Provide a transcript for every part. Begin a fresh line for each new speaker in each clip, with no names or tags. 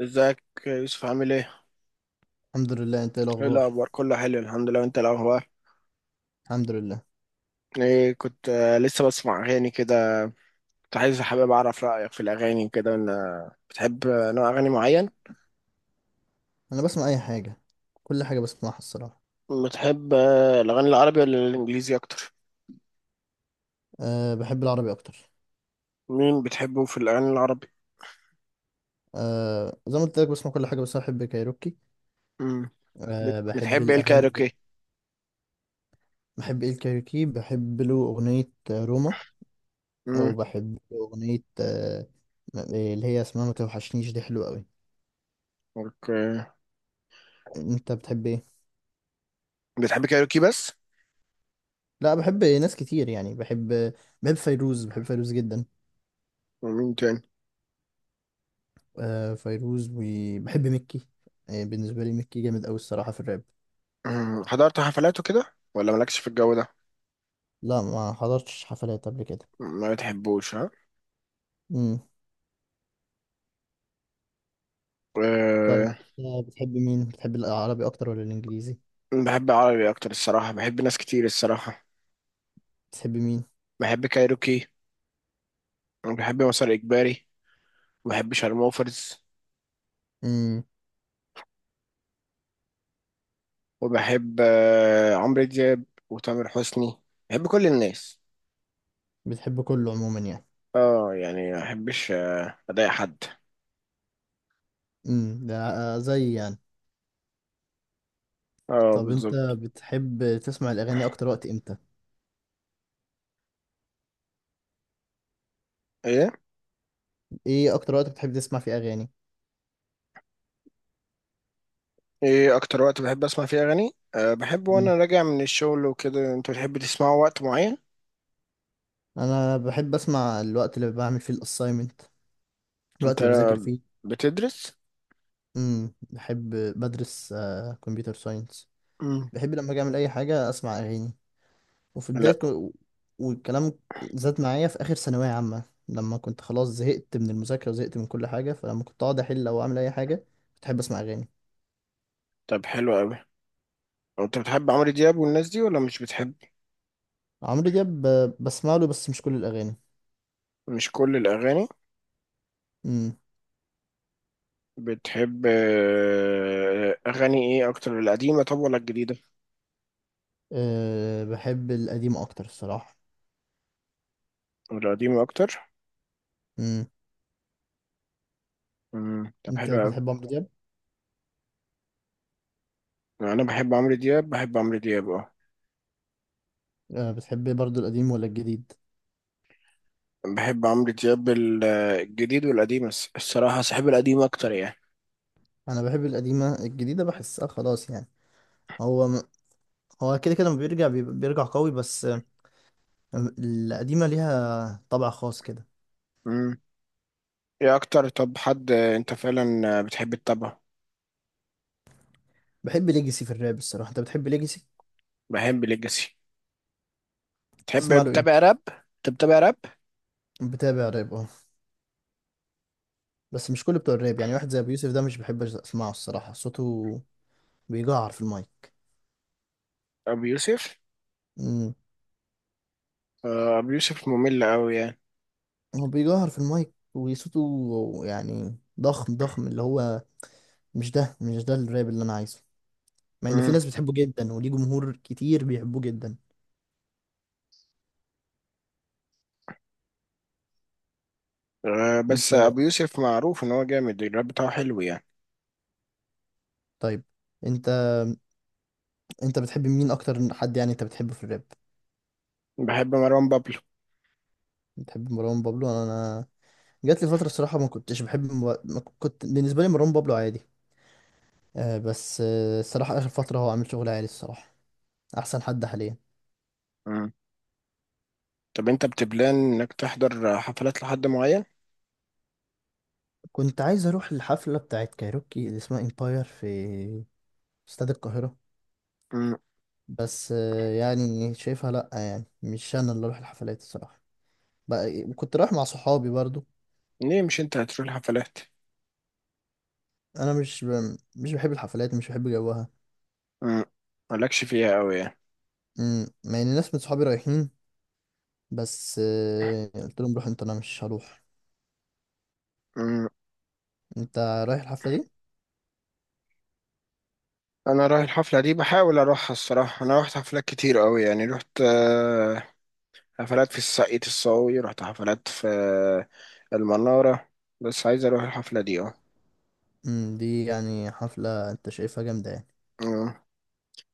ازيك يا يوسف عامل ايه؟
الحمد لله. انت ايه
ايه
الاخبار؟
الاخبار؟ كله حلو الحمد لله وانت الاخبار؟
الحمد لله.
ايه كنت لسه بسمع اغاني كده. كنت عايز حابب اعرف رايك في الاغاني كده ان بتحب نوع اغاني معين؟
انا بسمع اي حاجه، كل حاجه بسمعها الصراحه.
بتحب الاغاني العربي ولا الانجليزي اكتر؟
أه بحب العربي اكتر.
مين بتحبه في الاغاني العربي؟
أه زي ما قلت لك بسمع كل حاجه بس أنا بحب كايروكي.
امم.
أه بحب
بتحب ايه
الاغاني.
الكايروكي؟
بحب ايه الكايروكي؟ بحب له اغنيه روما،
امم.
وبحب له اغنيه أه اللي هي اسمها ما توحشنيش، دي حلوه قوي.
اوكي.
انت بتحب ايه؟
بتحب كايروكي بس؟
لا بحب ناس كتير يعني. بحب فيروز، بحب فيروز جدا.
ومين تاني؟
أه فيروز، وبحب مكي. بالنسبه لي مكي جامد قوي الصراحه في الراب.
مم. حضرت حفلاته كده ولا مالكش في الجو ده؟
لا ما حضرتش حفلات قبل كده.
ما بتحبوش ها؟
امم. طيب
أه.
أنت بتحب مين، بتحب العربي اكتر ولا الانجليزي؟
بحب عربي اكتر الصراحه، بحب ناس كتير الصراحه.
بتحب مين؟
بحب كايروكي وبحب مسار إجباري وبحب شارموفرز
امم.
وبحب عمرو دياب وتامر حسني. بحب كل الناس.
بتحب كله عموما يعني.
اه يعني ما بحبش أضايق حد.
امم، ده زي يعني.
اه
طب انت
بالظبط.
بتحب تسمع الاغاني اكتر وقت امتى؟
ايه؟
ايه اكتر وقت بتحب تسمع فيه اغاني؟
ايه اكتر وقت بحب اسمع فيه اغاني؟ بحب وانا
امم.
راجع من الشغل وكده. انت بتحب تسمعه وقت معين؟
انا بحب اسمع الوقت اللي بعمل فيه الاساينمنت، الوقت
انت
اللي بذاكر فيه.
بتدرس؟
امم، بحب. بدرس كمبيوتر ساينس.
مم.
بحب لما اجي اعمل اي حاجه اسمع اغاني. وفي بداية
لا.
والكلام زاد معايا في آخر ثانوية عامة، لما كنت خلاص زهقت من المذاكرة وزهقت من كل حاجة، فلما كنت أقعد أحل أو أعمل أي حاجة كنت أحب أسمع أغاني.
طب حلو قوي. انت بتحب عمرو دياب والناس دي ولا مش بتحب؟
عمرو دياب بسمع له بس مش كل الأغاني.
مش كل الاغاني.
امم.
بتحب أغاني إيه أكتر، القديمة طب ولا الجديدة؟
أه بحب القديم أكتر الصراحة.
القديمة أكتر؟
امم.
مم. طب
أنت
حلو أوي.
بتحب عمرو دياب؟
أنا بحب عمرو دياب، بحب عمرو دياب.
أه بتحب برضو القديم ولا الجديد؟
بحب عمرو دياب الجديد والقديم، الصراحة صاحب القديم أكتر يعني.
أنا بحب القديمة، الجديدة بحسها خلاص يعني. هو م- هو كده كده لما بيرجع بيرجع قوي، بس القديمة ليها طبع خاص كده.
مم. إيه أكتر طب حد، أنت فعلا بتحب تتابعه؟
بحب ليجاسي في الراب الصراحة. أنت بتحب ليجاسي؟
بحب ليجاسي. تحب
تسمع له ايه؟
بتابع راب؟ أنت بتابع راب؟
بتابع راب اه، بس مش كل بتوع الراب يعني. واحد زي ابو يوسف ده مش بحب اسمعه الصراحه، صوته بيجعر في المايك.
أبو يوسف؟
امم.
أبو يوسف ممل أوي يعني.
هو بيجعر في المايك وصوته يعني ضخم ضخم، اللي هو مش ده، مش ده الراب اللي انا عايزه، مع ان في
مم.
ناس بتحبه جدا وليه جمهور كتير بيحبوه جدا. انت،
بس أبو يوسف معروف إن هو جامد، الراب بتاعه حلو يعني.
طيب انت انت بتحب مين اكتر، حد يعني انت بتحبه في الراب؟
بحب مروان بابلو.
بتحب مروان بابلو. انا جات لي فتره الصراحه ما كنتش بحب، ما كنت، بالنسبه لي مروان بابلو عادي، بس الصراحة آخر فترة هو عامل شغل عالي الصراحة، أحسن حد حاليا.
مم. طب انت بتبلان انك تحضر حفلات لحد معين؟
كنت عايز أروح الحفلة بتاعت كايروكي اللي اسمها إمباير في استاد القاهرة،
مم.
بس يعني شايفها لأ، يعني مش أنا اللي أروح الحفلات الصراحة، بقى كنت رايح مع صحابي برضو.
ليه مش انت هتروح الحفلات؟
أنا مش ب... مش بحب الحفلات، مش بحب جوها.
مم. مالكش فيها قوي يعني.
مم، مع إن ناس من صحابي رايحين، بس قلت لهم روح أنت، أنا مش هروح.
مم.
أنت رايح الحفلة دي؟
انا رايح الحفله دي، بحاول اروحها الصراحه. انا رحت حفلات كتير قوي يعني، رحت حفلات في الساقية الصاوي، رحت حفلات في المناره. بس عايز اروح الحفله دي اه.
مم، دي يعني حفلة أنت شايفها جامدة يعني.
مم.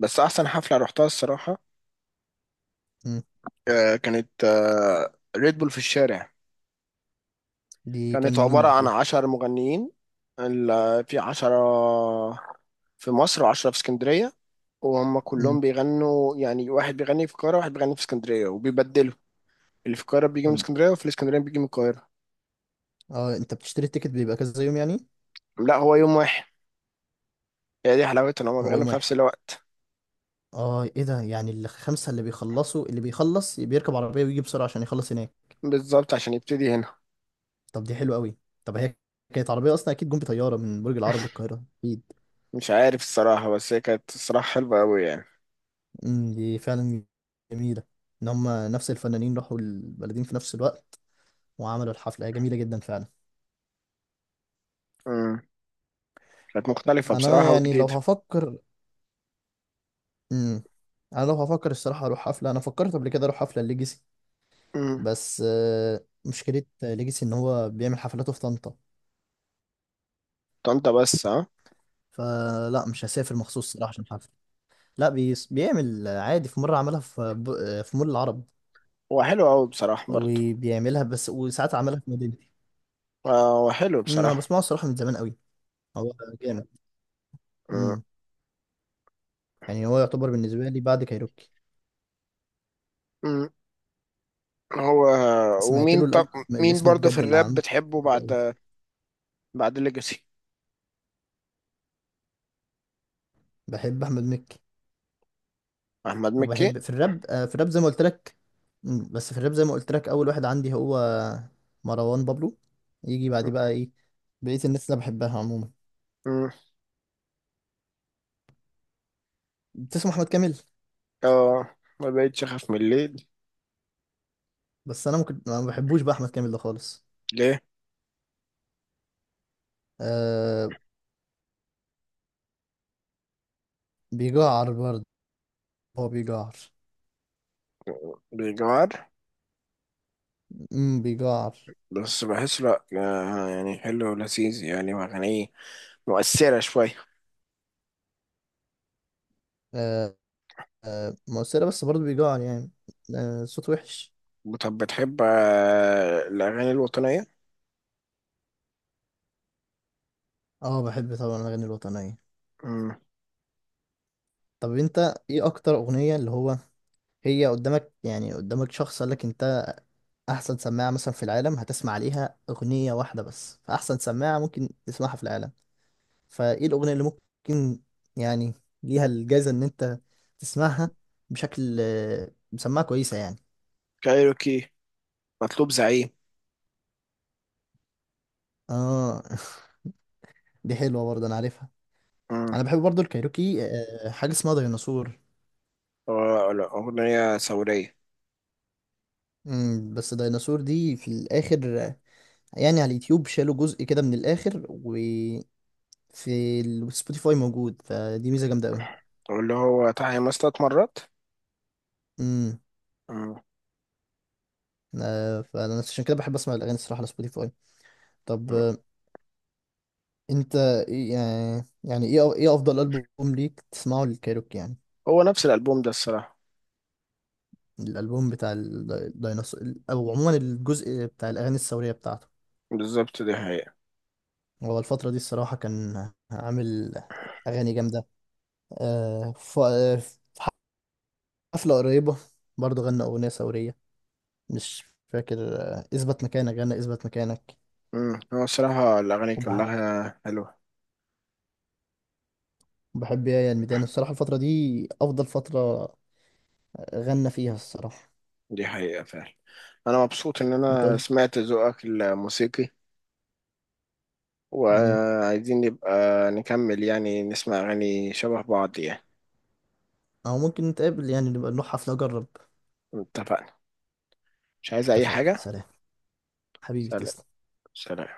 بس احسن حفله رحتها الصراحه
مم،
كانت ريد بول في الشارع.
دي
كانت
كان مين
عبارة
اللي
عن
فيها؟
10 مغنيين. في 10 في مصر و10 في اسكندرية. وهم كلهم بيغنوا، يعني واحد بيغني في القاهرة واحد بيغني في اسكندرية وبيبدلوا. اللي في القاهرة بيجي من
أم-
اسكندرية، وفي الاسكندرية بيجي من القاهرة.
اه انت بتشتري التيكت بيبقى كذا يوم يعني؟
لا، هو يوم واحد. هي دي حلاوتها، ان هما
هو
بيغنوا
يوم
في
واحد؟
نفس الوقت.
اه ايه ده يعني، الخمسة اللي بيخلصوا، اللي بيخلص بيركب عربية ويجي بسرعة عشان يخلص هناك؟
بالظبط، عشان يبتدي هنا.
طب دي حلوة قوي. طب هي كانت عربية اصلا، اكيد جم بطيارة من برج العرب للقاهرة اكيد.
مش عارف الصراحة، بس هي كانت الصراحة حلوة أوي يعني.
أمم، دي فعلا جميلة، ان هم نفس الفنانين راحوا البلدين في نفس الوقت وعملوا الحفلة. هي جميلة جدا فعلا.
امم. كانت مختلفة
انا
بصراحة
يعني لو
وجديدة.
هفكر، امم، انا لو هفكر الصراحة اروح حفلة، انا فكرت قبل كده اروح حفلة ليجاسي،
امم.
بس مشكلة ليجاسي ان هو بيعمل حفلاته في طنطا،
طنطا بس ها.
فلا مش هسافر مخصوص صراحة عشان حفلة. لا بيس بيعمل عادي، في مرة عملها في في مول العرب،
هو حلو أوي بصراحة برضه.
وبيعملها بس، وساعات عملها في مدينتي.
هو حلو
أمم، انا
بصراحة.
بسمعه الصراحة من زمان قوي، هو جامد. امم، يعني هو يعتبر بالنسبة لي بعد كايروكي.
امم. هو
سمعت
ومين
له
طب،
الألبوم اللي
مين
اسمه
برضه في
بجد، اللي
الراب
عامله
بتحبه،
حلو قوي.
بعد بعد ليجاسي؟
بحب احمد مكي،
احمد مكي.
وبحب في الراب في الراب زي ما قلت لك. أمم، بس في الراب زي ما قلت لك اول واحد عندي هو مروان بابلو. يجي بعديه بقى ايه بقية الناس اللي أنا بحبها عموما.
مم.
بتسمع احمد كامل؟
اه، ما بقتش اخاف من الليل.
بس انا ممكن ما بحبوش بقى احمد كامل ده خالص.
ليه؟
آه، بيجعر برضه، هو بيجعر.
بيجوار.
امم، بيجعر.
بس بحس لا، يعني حلو ولذيذ يعني، واغانيه مؤثرة شوية.
آه، آه مؤثرة، بس برضه بيجعر يعني. آه صوت وحش.
طب بتحب الأغاني الوطنية؟
اه بحب طبعا الاغاني الوطنية.
مم.
طب انت ايه اكتر اغنية اللي هو، هي قدامك، يعني قدامك شخص قال لك انت احسن سماعة مثلا في العالم، هتسمع عليها اغنية واحدة بس، فاحسن سماعة ممكن تسمعها في العالم، فايه الاغنيه اللي ممكن يعني ليها الجايزه ان انت تسمعها بشكل مسمعها كويسه يعني؟
كايروكي مطلوب زعيم.
اه دي حلوه برضه، انا عارفها.
مم.
انا بحب برضه الكايروكي حاجه اسمها ديناصور.
لا، أغنية ثورية.
مم، بس ديناصور دي في الاخر يعني على اليوتيوب شالوا جزء كده من الاخر، وفي السبوتيفاي موجود، فدي ميزه جامده قوي.
واللي هو تعالى 6 مرات.
امم،
مم.
فانا عشان كده بحب اسمع الاغاني الصراحه على سبوتيفاي. طب انت ايه يعني، يعني ايه افضل البوم ليك تسمعه للكايروكي يعني؟
هو نفس الألبوم ده الصراحة.
الالبوم بتاع الديناصور، او عموما الجزء بتاع الاغاني الثوريه بتاعته،
بالظبط ده.
هو الفتره دي الصراحه كان عامل اغاني جامده. في حفله قريبه برضه غنى اغنيه ثوريه، مش فاكر اثبت مكانك، غنى اثبت مكانك.
امم. هو الصراحة الأغاني
وبح-
كلها حلوة.
وبحب يا الميدان الصراحه، الفتره دي افضل فتره غنى فيها الصراحه.
دي حقيقة فعلا. أنا مبسوط إن
انت
أنا
قلت.
سمعت ذوقك الموسيقي،
مم.
وعايزين نبقى نكمل يعني، نسمع أغاني شبه بعض يعني.
او ممكن نتقابل يعني، نبقى نروح حفله اجرب.
اتفقنا. مش عايز أي
اتفقنا،
حاجة.
سلام. حبيبي
سلام.
تسلم.
سلام.